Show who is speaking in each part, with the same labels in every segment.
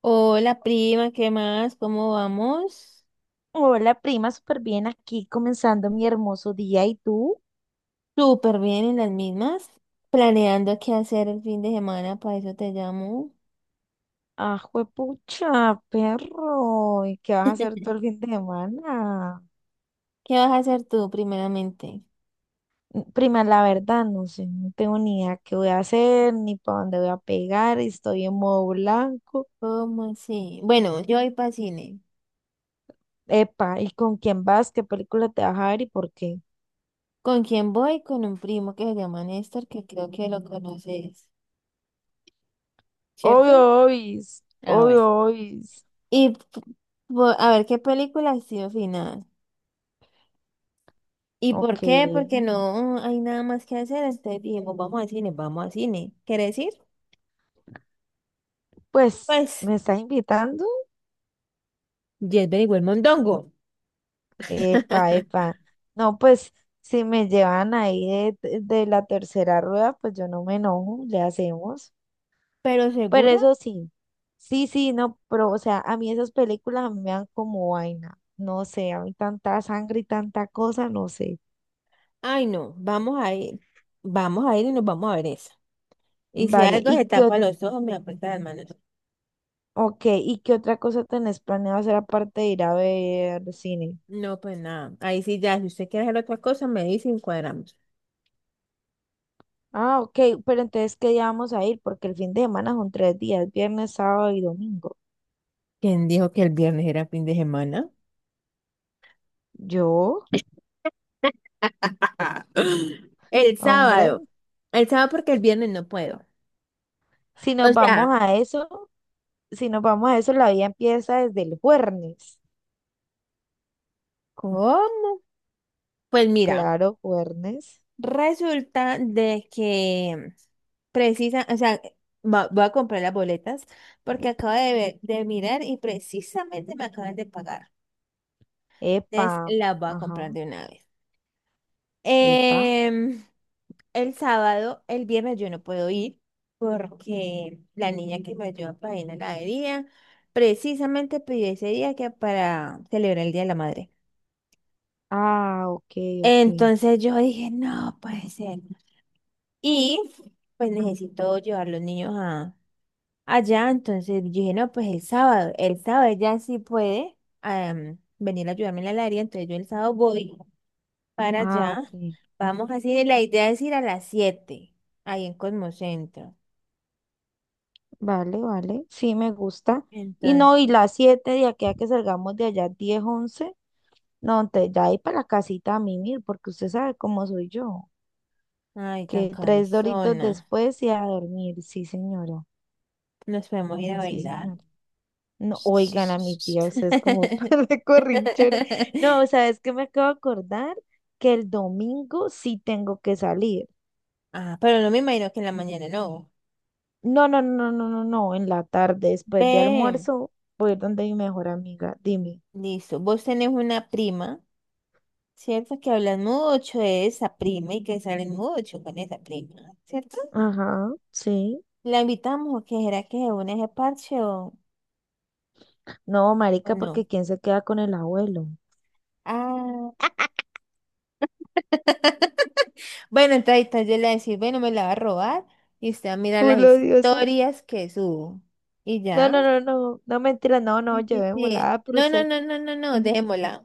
Speaker 1: Hola prima, ¿qué más? ¿Cómo vamos?
Speaker 2: Hola, prima, súper bien aquí comenzando mi hermoso día. ¿Y tú?
Speaker 1: Súper bien en las mismas. Planeando qué hacer el fin de semana, para eso te llamo.
Speaker 2: Ah, juepucha, perro. ¿Y qué vas a hacer todo el fin de semana?
Speaker 1: ¿Qué vas a hacer tú primeramente?
Speaker 2: Prima, la verdad, no sé, no tengo ni idea qué voy a hacer, ni para dónde voy a pegar. Estoy en modo blanco.
Speaker 1: ¿Cómo así? Bueno, yo voy para cine.
Speaker 2: Epa, ¿y con quién vas? ¿Qué película te vas a ver y por qué?
Speaker 1: ¿Con quién voy? Con un primo que se llama Néstor, que creo que lo conoces,
Speaker 2: Obvio,
Speaker 1: ¿cierto?
Speaker 2: obis,
Speaker 1: Ah, bueno.
Speaker 2: obvio, obis.
Speaker 1: Y p- a ver qué película ha sido final. ¿Y por
Speaker 2: Ok,
Speaker 1: qué? Porque no hay nada más que hacer. Entonces dijimos, vamos al cine, vamos al cine. ¿Quieres ir?
Speaker 2: pues,
Speaker 1: Pues
Speaker 2: ¿me estás invitando?
Speaker 1: yes, very well, mondongo.
Speaker 2: Epa, epa. No, pues si me llevan ahí de la tercera rueda, pues yo no me enojo, le hacemos.
Speaker 1: Pero
Speaker 2: Pero
Speaker 1: segura,
Speaker 2: eso sí, sí, sí, no, pero o sea, a mí esas películas a mí me dan como vaina. No sé, a mí tanta sangre y tanta cosa, no sé.
Speaker 1: ay no, vamos a ir y nos vamos a ver esa. Y si
Speaker 2: Vale,
Speaker 1: algo
Speaker 2: ¿y
Speaker 1: se
Speaker 2: qué,
Speaker 1: tapa los ojos, me aprieta las manos.
Speaker 2: ok, ¿y qué otra cosa tenés planeado hacer aparte de ir a ver cine?
Speaker 1: No, pues nada, ahí sí ya, si usted quiere hacer otra cosa, me dice y encuadramos.
Speaker 2: Ah, ok, pero entonces, ¿qué día vamos a ir? Porque el fin de semana son 3 días: viernes, sábado y domingo.
Speaker 1: ¿Quién dijo que el viernes era fin de semana?
Speaker 2: ¿Yo?
Speaker 1: El
Speaker 2: Hombre.
Speaker 1: sábado. El sábado porque el viernes no puedo.
Speaker 2: Si
Speaker 1: O
Speaker 2: nos vamos
Speaker 1: sea,
Speaker 2: a eso, si nos vamos a eso, la vida empieza desde el jueves.
Speaker 1: ¿cómo? Pues mira.
Speaker 2: Claro, jueves.
Speaker 1: Resulta de que precisa, o sea, voy a comprar las boletas porque acabo de ver, de mirar y precisamente me acaban de pagar. Entonces
Speaker 2: Epa,
Speaker 1: las voy a
Speaker 2: ajá,
Speaker 1: comprar de una vez.
Speaker 2: epa.
Speaker 1: Em, el sábado, el viernes yo no puedo ir porque la niña que me ayuda para ir a la heladería precisamente pidió ese día que para celebrar el Día de la Madre.
Speaker 2: Ah, ok, ok.
Speaker 1: Entonces yo dije, no puede ser. Y pues necesito llevar los niños allá, entonces yo dije, no, pues el sábado ella sí puede venir a ayudarme en la heladería, entonces yo el sábado voy para
Speaker 2: Ah,
Speaker 1: allá,
Speaker 2: ok.
Speaker 1: vamos así, la idea es ir a las 7 ahí en Cosmocentro.
Speaker 2: Vale, vale. Sí, me gusta. Y
Speaker 1: Entonces,
Speaker 2: no, y las 7 de aquí a que salgamos de allá, 10 once. No, entonces ya ahí para la casita a mimir, porque usted sabe cómo soy yo.
Speaker 1: ay, tan
Speaker 2: Que tres doritos
Speaker 1: cansona,
Speaker 2: después y a dormir. Sí, señora.
Speaker 1: nos podemos ir a
Speaker 2: Sí,
Speaker 1: bailar.
Speaker 2: señora. No, oigan a mi tía, usted es como de corrinchera. No, ¿sabes qué me acabo de acordar? Que el domingo sí tengo que salir.
Speaker 1: Ah, pero no me imagino que en la mañana no.
Speaker 2: No, no, no, no, no, no, en la tarde, después de
Speaker 1: Ve,
Speaker 2: almuerzo, voy a ir donde mi mejor amiga, dime.
Speaker 1: listo, vos tenés una prima. Cierto que hablan mucho de esa prima y que salen mucho con esa prima, ¿cierto?
Speaker 2: Ajá, sí.
Speaker 1: La invitamos, o ¿qué será que se une a ese parche,
Speaker 2: No,
Speaker 1: o
Speaker 2: marica,
Speaker 1: no?
Speaker 2: porque ¿quién se queda con el abuelo?
Speaker 1: Ah, bueno, entonces yo le voy a decir, bueno, me la va a robar y usted va a mirar las
Speaker 2: Puro diosa.
Speaker 1: historias que subo. Y
Speaker 2: No,
Speaker 1: ya.
Speaker 2: no, no, no, no, mentira, no, no,
Speaker 1: Sí, sí, sí.
Speaker 2: llevémosla, ah, pero
Speaker 1: No, no,
Speaker 2: usted.
Speaker 1: no, no, no, no, dejémosla.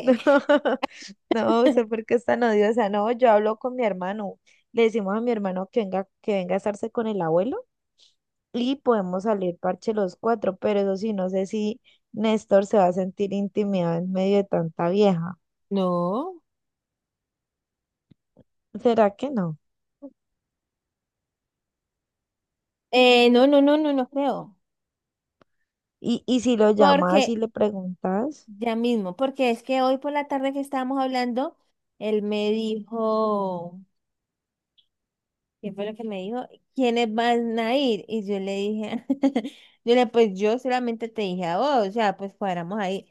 Speaker 2: No, no, sé por qué es tan odiosa. No, yo hablo con mi hermano. Le decimos a mi hermano que venga a estarse con el abuelo y podemos salir parche los cuatro, pero eso sí, no sé si Néstor se va a sentir intimidado en medio de tanta vieja.
Speaker 1: No.
Speaker 2: ¿Será que no?
Speaker 1: No, no, no, no, no creo.
Speaker 2: Y si lo
Speaker 1: Porque
Speaker 2: llamas y le preguntas,
Speaker 1: ya mismo, porque es que hoy por la tarde que estábamos hablando, él me dijo, ¿qué fue lo que me dijo? ¿Quiénes van a ir? Y yo le dije, yo le, pues yo solamente te dije a vos, o sea, pues cuadramos ahí.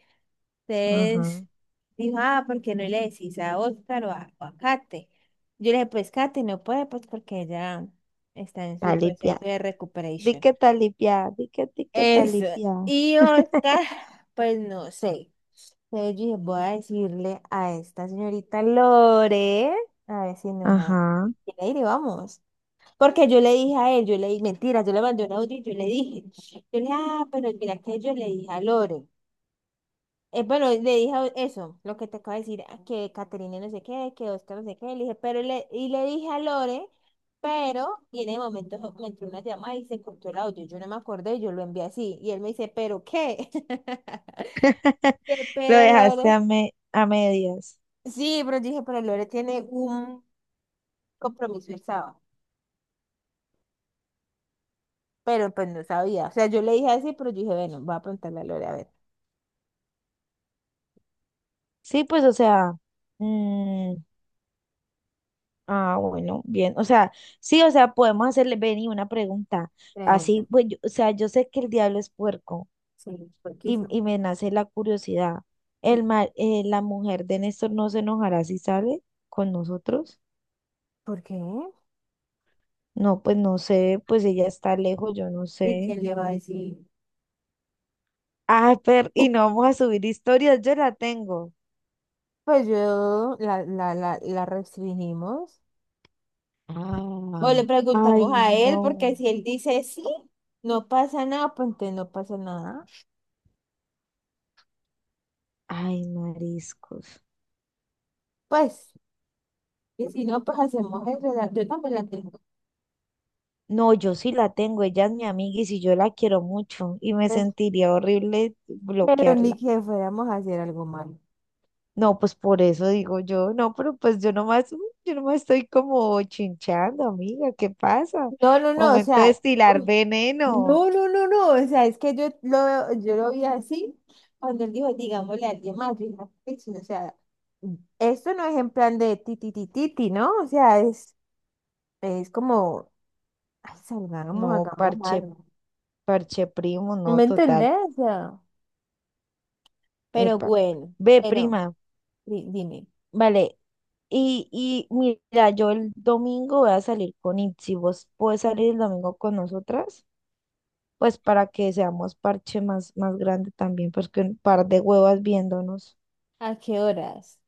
Speaker 2: ajá,
Speaker 1: Entonces dijo, ah, ¿por qué no le decís a Oscar o a Kate? Yo le dije, pues Kate no puede, pues porque ella está en su
Speaker 2: talipia,
Speaker 1: proceso de recuperación.
Speaker 2: talipia, di que
Speaker 1: Eso.
Speaker 2: talipia.
Speaker 1: Y Oscar, pues no sé. Entonces yo dije, voy a decirle a esta señorita Lore, a ver si nos a-
Speaker 2: Ajá,
Speaker 1: quiere ir y vamos. Porque yo le dije a él, yo le dije, mentira, yo le mandé un audio y yo le dije, ah, pero mira que yo le dije a Lore. Bueno, eso, lo que te acabo de decir, ah, que Caterina no sé qué, que Oscar no sé qué, le dije, pero le, y le dije a Lore, pero, y en el momento me entró una llamada y se cortó el audio, yo no me acordé, yo lo envié así, y él me dice, ¿pero qué? Que
Speaker 2: lo
Speaker 1: pero
Speaker 2: dejaste
Speaker 1: Lore.
Speaker 2: a medias.
Speaker 1: Sí, pero dije, pero Lore tiene un compromiso el sábado. Pero pues no sabía. O sea, yo le dije así, pero yo dije, bueno, voy a preguntarle a Lore, a ver.
Speaker 2: Sí, pues, o sea, mm, ah, bueno, bien, o sea, sí, o sea, podemos hacerle, Benny, una pregunta,
Speaker 1: Pregunta.
Speaker 2: así, pues, yo- o sea, yo sé que el diablo es puerco
Speaker 1: Sí, ¿por qué hizo?
Speaker 2: y me nace la curiosidad, la mujer de Néstor no se enojará si sale con nosotros,
Speaker 1: ¿Por qué?
Speaker 2: no, pues, no sé, pues, ella está lejos, yo no
Speaker 1: ¿Y
Speaker 2: sé,
Speaker 1: quién le va a decir?
Speaker 2: ah, pero, y no vamos a subir historias, yo la tengo.
Speaker 1: Pues yo la restringimos. O
Speaker 2: Ah.
Speaker 1: le preguntamos
Speaker 2: Ay,
Speaker 1: a él, porque
Speaker 2: no,
Speaker 1: si él dice sí, no pasa nada, pues entonces no pasa nada.
Speaker 2: ay, mariscos.
Speaker 1: Pues, y si no, pues hacemos el relato. Yo también la tengo.
Speaker 2: No, yo sí la tengo, ella es mi amiga y si yo la quiero mucho y me
Speaker 1: Pues,
Speaker 2: sentiría horrible
Speaker 1: pero ni
Speaker 2: bloquearla.
Speaker 1: que fuéramos a hacer algo malo.
Speaker 2: No, pues por eso digo yo, no, pero pues yo nomás, yo nomás estoy como chinchando, amiga, ¿qué pasa?
Speaker 1: No, no, no, o
Speaker 2: Momento de
Speaker 1: sea,
Speaker 2: estilar
Speaker 1: uy,
Speaker 2: veneno.
Speaker 1: no, no, no, no, o sea, es que yo lo vi así cuando él dijo, digámosle a alguien más, yo dije, "Ah, pues, sí, o sea, esto no es en plan de ti, ¿no? O sea, es como, ay, salgamos,
Speaker 2: No,
Speaker 1: hagamos
Speaker 2: parche,
Speaker 1: algo.
Speaker 2: parche primo,
Speaker 1: ¿No
Speaker 2: no,
Speaker 1: me
Speaker 2: total.
Speaker 1: entendés? O sea, pero
Speaker 2: Epa.
Speaker 1: bueno,
Speaker 2: Ve,
Speaker 1: pero
Speaker 2: prima,
Speaker 1: dime,
Speaker 2: vale. Y mira, yo el domingo voy a salir con Itzi, ¿vos puedes salir el domingo con nosotras? Pues para que seamos parche más grande también, porque un par de huevas viéndonos.
Speaker 1: ¿a qué horas?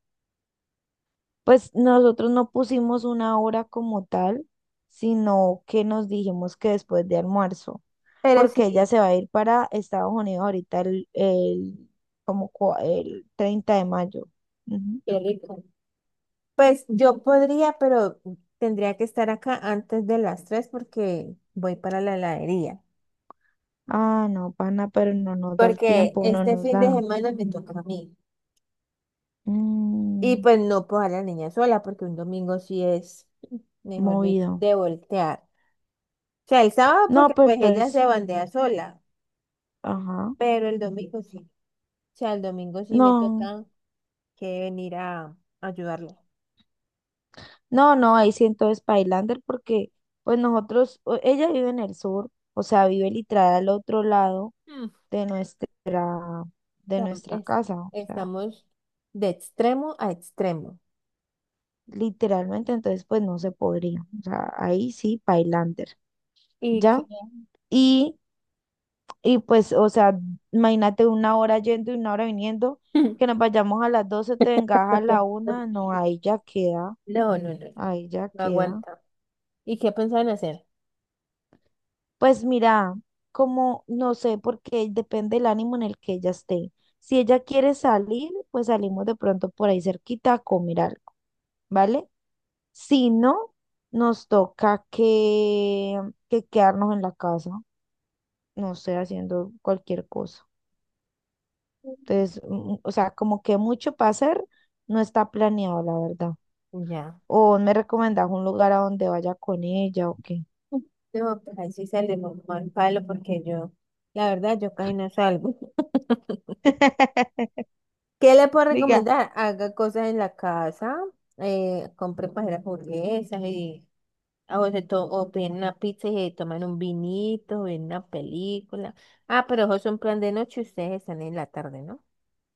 Speaker 2: Pues nosotros no pusimos una hora como tal, sino que nos dijimos que después de almuerzo,
Speaker 1: Pero
Speaker 2: porque ella
Speaker 1: sí,
Speaker 2: se va a ir para Estados Unidos ahorita el 30 de mayo. Ujú.
Speaker 1: qué rico. Pues yo podría, pero tendría que estar acá antes de las 3 porque voy para la heladería.
Speaker 2: Ah, no, pana, pero no nos da el
Speaker 1: Porque
Speaker 2: tiempo, no
Speaker 1: este
Speaker 2: nos
Speaker 1: fin de
Speaker 2: da.
Speaker 1: semana me toca a mí. Y
Speaker 2: Mm,
Speaker 1: pues no puedo dejar a la niña sola, porque un domingo sí es, mejor dicho,
Speaker 2: movido.
Speaker 1: de voltear. O sea, el sábado porque
Speaker 2: No, pues
Speaker 1: pues ella se
Speaker 2: entonces,
Speaker 1: bandea sola,
Speaker 2: ajá.
Speaker 1: pero el domingo sí. O sea, el domingo sí me
Speaker 2: No.
Speaker 1: toca que venir a ayudarla.
Speaker 2: No, no, ahí sí entonces Pailander porque pues nosotros, o- ella vive en el sur, o sea, vive literal al otro lado
Speaker 1: Mm,
Speaker 2: de nuestra, de
Speaker 1: o sea,
Speaker 2: nuestra casa, o sea,
Speaker 1: estamos de extremo a extremo.
Speaker 2: literalmente entonces pues no se podría, o sea, ahí sí Pailander,
Speaker 1: Y que...
Speaker 2: ¿ya? Y, y pues, o sea, imagínate una hora yendo y una hora viniendo, que nos vayamos a las 12 te vengas a la una, no, ahí ya queda,
Speaker 1: No, no, no, no.
Speaker 2: ahí ya
Speaker 1: No
Speaker 2: queda.
Speaker 1: aguanta. ¿Y qué pensaban hacer?
Speaker 2: Pues mira, como no sé, porque depende del ánimo en el que ella esté. Si ella quiere salir, pues salimos de pronto por ahí cerquita a comer algo, ¿vale? Si no, nos toca que quedarnos en la casa, no sé, haciendo cualquier cosa. Entonces, mm, o sea, como que mucho para hacer no está planeado, la verdad.
Speaker 1: Ya.
Speaker 2: O me recomendás un lugar a donde vaya con ella o qué.
Speaker 1: No, pues ahí sí salimos mal palo porque yo, la verdad, yo casi no salgo. ¿Qué le puedo
Speaker 2: Diga.
Speaker 1: recomendar? Haga cosas en la casa, compre para hacer hamburguesas y o, o piden una pizza y se toman un vinito, ven una película. Ah, pero eso es un plan de noche, ustedes están en la tarde, ¿no?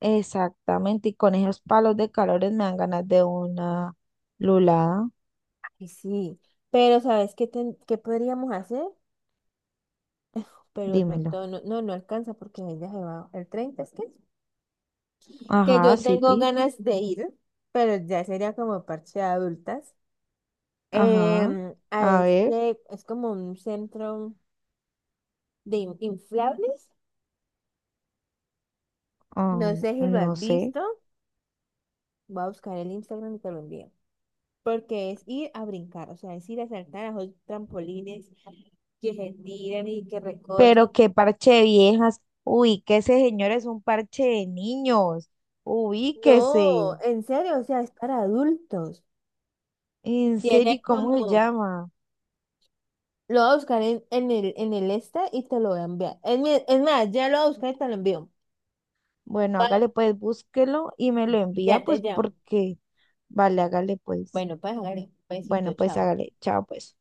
Speaker 2: Exactamente, y con esos palos de calores me dan ganas de una lulada,
Speaker 1: Y sí, pero ¿sabes qué, qué podríamos hacer? Pero de
Speaker 2: dímelo.
Speaker 1: pronto no, no, no alcanza porque ella se va el 30, ¿es que? Que
Speaker 2: Ajá,
Speaker 1: yo
Speaker 2: sí,
Speaker 1: tengo ganas de ir, pero ya sería como parche de adultas,
Speaker 2: ajá,
Speaker 1: a
Speaker 2: a ver,
Speaker 1: este, es como un centro de inflables,
Speaker 2: ah,
Speaker 1: no sé si lo has
Speaker 2: no sé,
Speaker 1: visto, voy a buscar el Instagram y te lo envío, porque es ir a brincar, o sea, es ir a saltar a los trampolines que se tiran y que
Speaker 2: pero
Speaker 1: recochen.
Speaker 2: qué parche de viejas, uy, que ese señor es un parche de niños, ubíquese,
Speaker 1: No, en serio, o sea, es para adultos.
Speaker 2: en serio,
Speaker 1: Tiene
Speaker 2: ¿y cómo se
Speaker 1: como...
Speaker 2: llama?
Speaker 1: Lo voy a buscar en el este y te lo voy a enviar. Es más, ya lo voy a buscar y te lo envío.
Speaker 2: Bueno, hágale pues, búsquelo y me lo envía,
Speaker 1: Ya te
Speaker 2: pues,
Speaker 1: llamo.
Speaker 2: porque, vale, hágale pues,
Speaker 1: Bueno, pues, hágale.
Speaker 2: bueno,
Speaker 1: Besito,
Speaker 2: pues
Speaker 1: chao.
Speaker 2: hágale, chao pues.